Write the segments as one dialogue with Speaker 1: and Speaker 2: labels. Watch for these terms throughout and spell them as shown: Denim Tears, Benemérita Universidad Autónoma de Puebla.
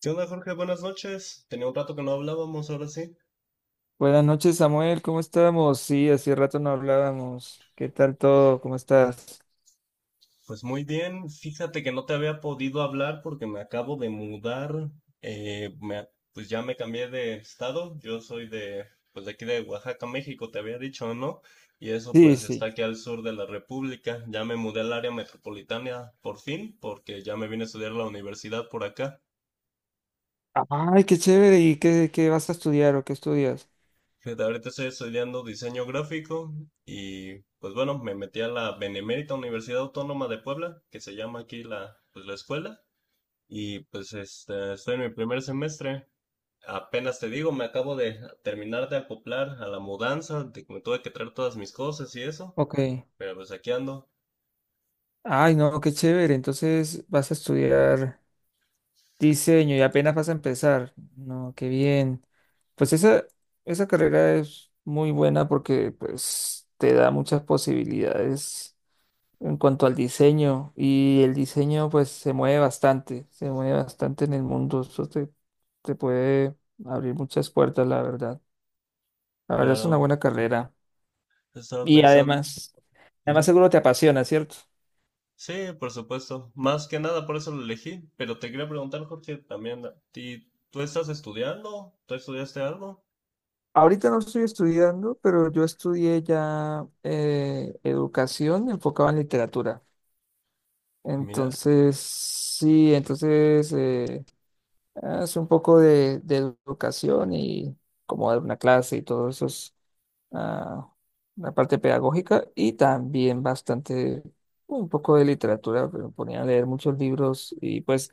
Speaker 1: ¿Qué onda, Jorge? Buenas noches. Tenía un rato que no hablábamos, ahora sí.
Speaker 2: Buenas noches, Samuel. ¿Cómo estamos? Sí, hace rato no hablábamos. ¿Qué tal todo? ¿Cómo estás?
Speaker 1: Pues muy bien. Fíjate que no te había podido hablar porque me acabo de mudar. Eh, me- pues ya me cambié de estado. Yo soy de, pues de aquí de Oaxaca, México, te había dicho, ¿no? Y eso
Speaker 2: Sí,
Speaker 1: pues está
Speaker 2: sí.
Speaker 1: aquí al sur de la República. Ya me mudé al área metropolitana por fin porque ya me vine a estudiar a la universidad por acá.
Speaker 2: Ay, qué chévere. ¿Y qué vas a estudiar o qué estudias?
Speaker 1: Fíjate, ahorita estoy estudiando diseño gráfico y pues bueno, me metí a la Benemérita Universidad Autónoma de Puebla, que se llama aquí la, pues, la escuela, y estoy en mi primer semestre. Apenas te digo, me acabo de terminar de acoplar a la mudanza, de que me tuve que traer todas mis cosas y eso,
Speaker 2: Ok.
Speaker 1: pero pues aquí ando.
Speaker 2: Ay, no, qué chévere. Entonces vas a estudiar diseño y apenas vas a empezar. No, qué bien. Pues esa, esa carrera es muy buena porque pues te da muchas posibilidades en cuanto al diseño. Y el diseño, pues, se mueve bastante en el mundo. Te puede abrir muchas puertas, la verdad. La verdad es una
Speaker 1: Claro,
Speaker 2: buena carrera.
Speaker 1: estaba
Speaker 2: Y
Speaker 1: pensando.
Speaker 2: además, además
Speaker 1: Ujú.
Speaker 2: seguro te apasiona, ¿cierto?
Speaker 1: Sí, por supuesto. Más que nada por eso lo elegí, pero te quería preguntar, Jorge, también a ti, ¿tú estás estudiando? ¿Tú estudiaste algo?
Speaker 2: Ahorita no estoy estudiando, pero yo estudié ya educación enfocada en literatura.
Speaker 1: Mira,
Speaker 2: Entonces, sí, hace un poco de educación y como dar una clase y todo eso es ah, la parte pedagógica y también bastante, un poco de literatura, pero me ponía a leer muchos libros y pues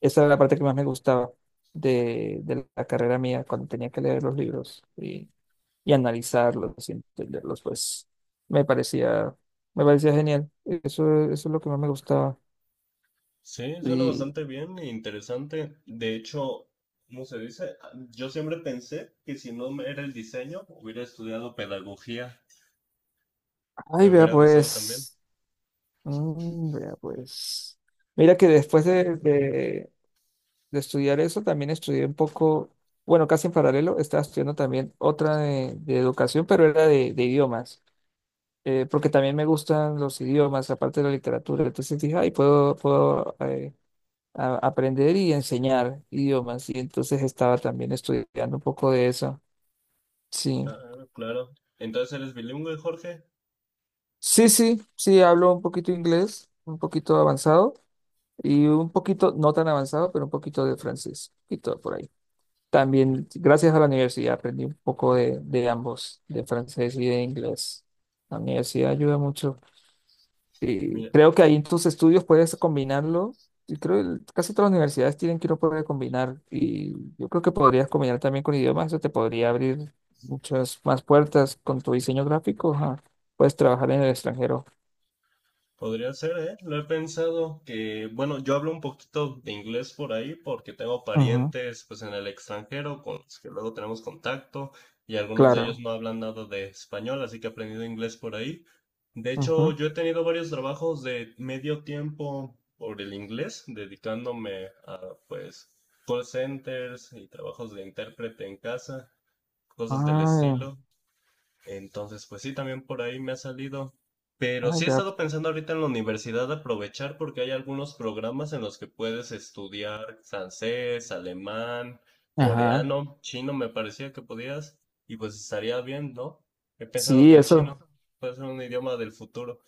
Speaker 2: esa era la parte que más me gustaba de la carrera mía cuando tenía que leer los libros y analizarlos y entenderlos, pues me parecía, me parecía genial. Eso es lo que más me gustaba.
Speaker 1: sí, suena
Speaker 2: Y,
Speaker 1: bastante bien e interesante. De hecho, ¿cómo se dice? Ah, yo siempre pensé que si no me era el diseño, hubiera estudiado pedagogía.
Speaker 2: ay,
Speaker 1: Me
Speaker 2: vea,
Speaker 1: hubiera gustado también.
Speaker 2: pues. Mm, vea, pues. Mira que de estudiar eso, también estudié un poco, bueno, casi en paralelo, estaba estudiando también otra de educación, pero era de idiomas, porque también me gustan los idiomas, aparte de la literatura. Entonces dije, ay, aprender y enseñar idiomas. Y entonces estaba también estudiando un poco de eso. Sí,
Speaker 1: Ah, claro. Entonces eres bilingüe, Jorge.
Speaker 2: sí, sí, sí, hablo un poquito inglés, un poquito avanzado. Y un poquito, no tan avanzado, pero un poquito de francés, y todo por ahí.
Speaker 1: Mi-
Speaker 2: También, gracias a la universidad, aprendí un poco de ambos, de francés y de inglés. La universidad ayuda mucho. Y
Speaker 1: Mira,
Speaker 2: creo que ahí en tus estudios puedes combinarlo. Y creo que casi todas las universidades tienen que uno poder combinar. Y yo creo que podrías combinar también con idiomas. Eso te podría abrir muchas más puertas con tu diseño gráfico. Ajá. Puedes trabajar en el extranjero.
Speaker 1: podría ser, ¿eh? Lo he pensado que, bueno, yo hablo un poquito de inglés por ahí porque tengo
Speaker 2: Ujú.
Speaker 1: parientes pues en el extranjero con los que luego tenemos contacto y algunos de ellos
Speaker 2: Claro.
Speaker 1: no hablan nada de español, así que he aprendido inglés por ahí. De hecho,
Speaker 2: Ujú.
Speaker 1: yo he tenido varios trabajos de medio tiempo por el inglés, dedicándome a pues call centers y trabajos de intérprete en casa, cosas del
Speaker 2: Ay,
Speaker 1: estilo. Entonces, pues sí, también por ahí me ha salido. Pero
Speaker 2: ay,
Speaker 1: sí he
Speaker 2: vea.
Speaker 1: estado pensando ahorita en la universidad aprovechar porque hay algunos programas en los que puedes estudiar francés, alemán,
Speaker 2: Ajá.
Speaker 1: coreano, chino, me parecía que podías. Y pues estaría bien, ¿no? He pensado que
Speaker 2: Sí,
Speaker 1: el chino
Speaker 2: eso
Speaker 1: puede ser un idioma del futuro.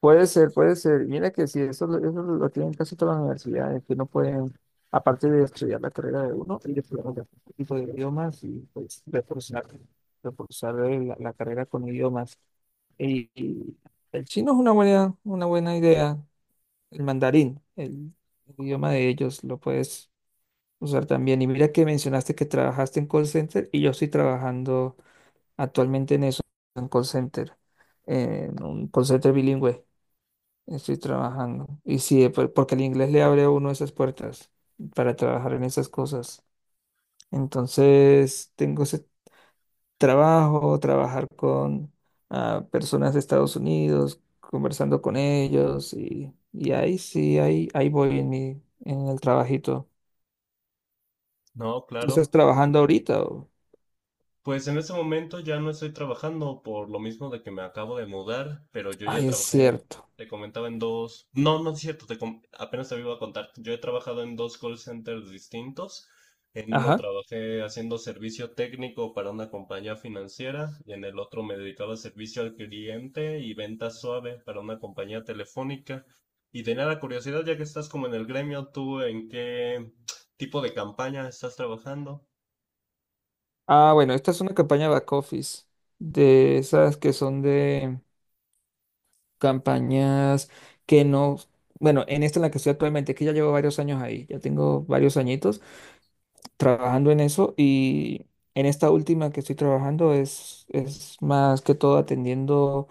Speaker 2: puede ser, puede ser. Mira que sí, eso lo tienen casi todas las universidades, que no pueden, aparte de estudiar la carrera de uno, y de otro tipo de idiomas y pues reforzar la carrera con idiomas. Y el chino es una buena idea, el mandarín, el idioma de ellos, lo puedes usar también. Y mira que mencionaste que trabajaste en call center y yo estoy trabajando actualmente en eso, en call center, en un call center bilingüe. Estoy trabajando. Y sí, porque el inglés le abre a uno esas puertas para trabajar en esas cosas. Entonces, tengo ese trabajo, trabajar con personas de Estados Unidos, conversando con ellos y ahí sí, ahí voy en en el trabajito.
Speaker 1: No,
Speaker 2: ¿Tú estás
Speaker 1: claro.
Speaker 2: trabajando ahorita? ¿O?
Speaker 1: Pues en ese momento ya no estoy trabajando por lo mismo de que me acabo de mudar, pero yo ya
Speaker 2: Ay, es
Speaker 1: trabajé,
Speaker 2: cierto.
Speaker 1: te comentaba en dos, no, no es cierto, apenas te iba a contar, yo he trabajado en dos call centers distintos, en uno
Speaker 2: Ajá.
Speaker 1: trabajé haciendo servicio técnico para una compañía financiera y en el otro me dedicaba a servicio al cliente y venta suave para una compañía telefónica. Y tenía la curiosidad, ya que estás como en el gremio, ¿tú en qué tipo de campaña estás trabajando?
Speaker 2: Ah, bueno, esta es una campaña back office de esas que son de campañas que no, bueno, en esta en la que estoy actualmente, que ya llevo varios años ahí, ya tengo varios añitos trabajando en eso y en esta última que estoy trabajando es más que todo atendiendo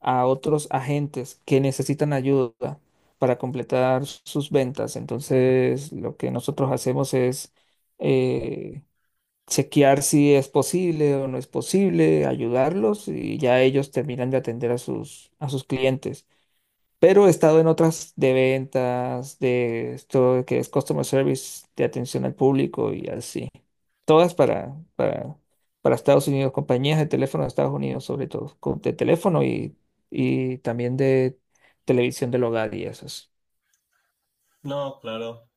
Speaker 2: a otros agentes que necesitan ayuda para completar sus ventas. Entonces, lo que nosotros hacemos es... eh, chequear si es posible o no es posible, ayudarlos y ya ellos terminan de atender a a sus clientes. Pero he estado en otras de ventas, de esto que es customer service, de atención al público y así. Todas para Estados Unidos, compañías de teléfono de Estados Unidos, sobre todo, de teléfono y también de televisión del hogar y esas.
Speaker 1: No, claro.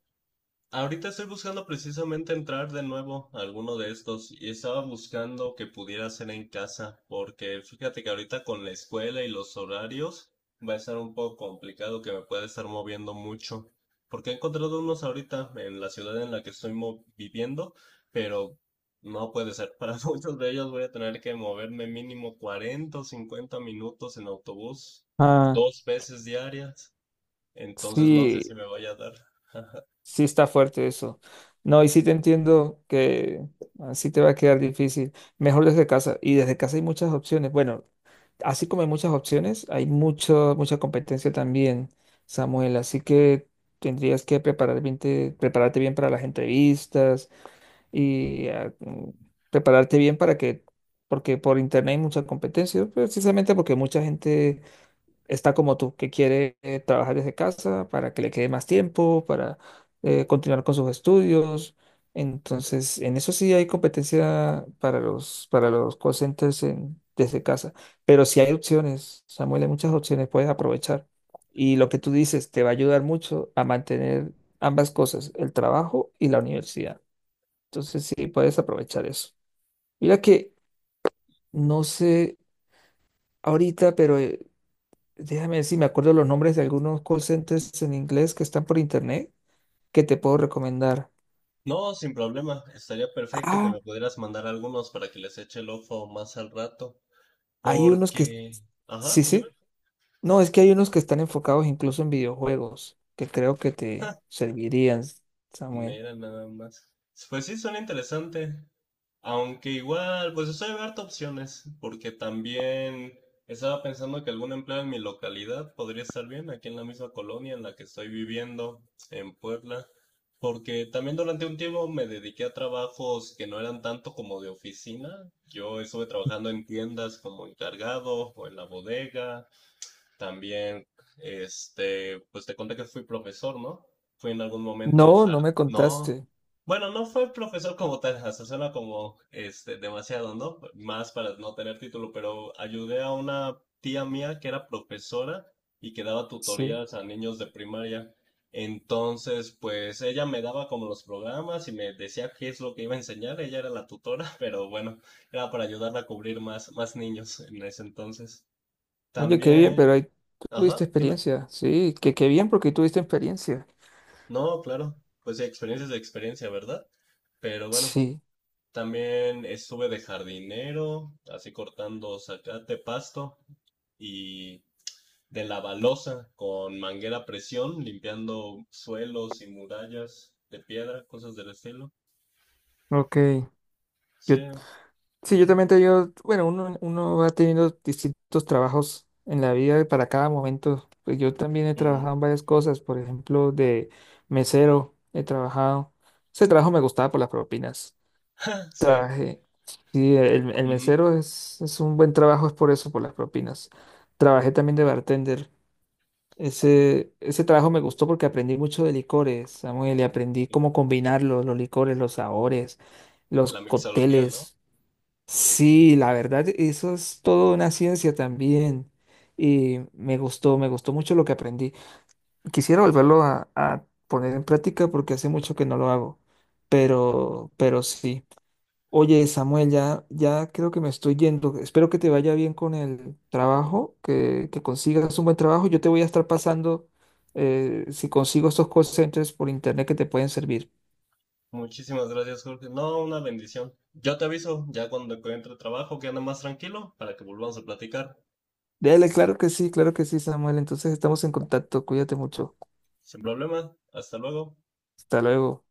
Speaker 1: Ahorita estoy buscando precisamente entrar de nuevo a alguno de estos y estaba buscando que pudiera hacer en casa, porque fíjate que ahorita con la escuela y los horarios va a estar un poco complicado que me pueda estar moviendo mucho, porque he encontrado unos ahorita en la ciudad en la que estoy viviendo, pero no puede ser. Para muchos de ellos voy a tener que moverme mínimo 40 o 50 minutos en autobús,
Speaker 2: Ah,
Speaker 1: dos veces diarias, entonces no sé si
Speaker 2: sí.
Speaker 1: me vaya a dar.
Speaker 2: Sí está fuerte eso. No, y sí te entiendo que así te va a quedar difícil. Mejor desde casa. Y desde casa hay muchas opciones. Bueno, así como hay muchas opciones, hay mucha competencia también, Samuel. Así que tendrías que prepararte bien para las entrevistas y prepararte bien para que, porque por internet hay mucha competencia, precisamente porque mucha gente está como tú, que quiere trabajar desde casa para que le quede más tiempo, para continuar con sus estudios. Entonces, en eso sí hay competencia para para los call centers desde casa. Pero sí hay opciones, Samuel, hay muchas opciones, puedes aprovechar. Y lo que tú dices te va a ayudar mucho a mantener ambas cosas, el trabajo y la universidad. Entonces, sí, puedes aprovechar eso. Mira que no sé ahorita, pero déjame ver si me acuerdo los nombres de algunos call centers en inglés que están por internet que te puedo recomendar.
Speaker 1: No, sin problema. Estaría perfecto que
Speaker 2: Ah,
Speaker 1: me pudieras mandar algunos para que les eche el ojo más al rato.
Speaker 2: hay unos que...
Speaker 1: Porque... Ajá,
Speaker 2: Sí,
Speaker 1: dime.
Speaker 2: sí. No, es que hay unos que están enfocados incluso en videojuegos, que creo que te servirían, Samuel.
Speaker 1: Mira, nada más. Pues sí, suena interesante. Aunque igual, pues estoy abierto a opciones, porque también estaba pensando que algún empleo en mi localidad podría estar bien, aquí en la misma colonia en la que estoy viviendo, en Puebla, porque también durante un tiempo me dediqué a trabajos que no eran tanto como de oficina. Yo estuve trabajando en tiendas como encargado o en la bodega, también, pues te conté que fui profesor, ¿no? Fui en algún
Speaker 2: No,
Speaker 1: momento
Speaker 2: no
Speaker 1: hard.
Speaker 2: me contaste.
Speaker 1: No, bueno, no fue profesor como tal, hasta suena como este, demasiado, ¿no? Más para no tener título, pero ayudé a una tía mía que era profesora y que daba
Speaker 2: Sí.
Speaker 1: tutorías a niños de primaria. Entonces, pues ella me daba como los programas y me decía qué es lo que iba a enseñar. Ella era la tutora, pero bueno, era para ayudarla a cubrir más niños en ese entonces.
Speaker 2: Oye, qué bien,
Speaker 1: También
Speaker 2: pero ahí
Speaker 1: ajá,
Speaker 2: tuviste
Speaker 1: dime.
Speaker 2: experiencia. Sí, que qué bien porque tuviste experiencia.
Speaker 1: No, claro. Pues experiencia es experiencia, ¿verdad? Pero bueno,
Speaker 2: Sí,
Speaker 1: también estuve de jardinero, así cortando zacate, pasto y de la balosa con manguera a presión, limpiando suelos y murallas de piedra, cosas del estilo.
Speaker 2: ok. Yo,
Speaker 1: Sí.
Speaker 2: sí, yo
Speaker 1: Ujú,
Speaker 2: también te digo, bueno, uno va teniendo distintos trabajos en la vida y para cada momento. Pues yo también he
Speaker 1: ujú,
Speaker 2: trabajado en varias cosas, por ejemplo, de mesero he trabajado. Ese trabajo me gustaba por las propinas.
Speaker 1: ah, sí.
Speaker 2: Trabajé, sí, el
Speaker 1: Ujú,
Speaker 2: mesero es un buen trabajo, es por eso, por las propinas. Trabajé también de bartender. Ese trabajo me gustó porque aprendí mucho de licores, Samuel, y aprendí cómo combinar los licores, los sabores, los
Speaker 1: la mixología, ¿no?
Speaker 2: cócteles. Sí, la verdad, eso es toda una ciencia también. Y me gustó mucho lo que aprendí. Quisiera volverlo a poner en práctica porque hace mucho que no lo hago. Pero sí. Oye, Samuel, ya, ya creo que me estoy yendo. Espero que te vaya bien con el trabajo, que consigas un buen trabajo. Yo te voy a estar pasando si consigo estos call centers por internet que te pueden servir.
Speaker 1: Muchísimas gracias, Jorge. No, una bendición. Yo te aviso ya cuando encuentre trabajo que ande más tranquilo para que volvamos a platicar.
Speaker 2: Dale, claro que sí, Samuel. Entonces estamos en contacto. Cuídate mucho.
Speaker 1: Sin problema, hasta luego.
Speaker 2: Hasta luego.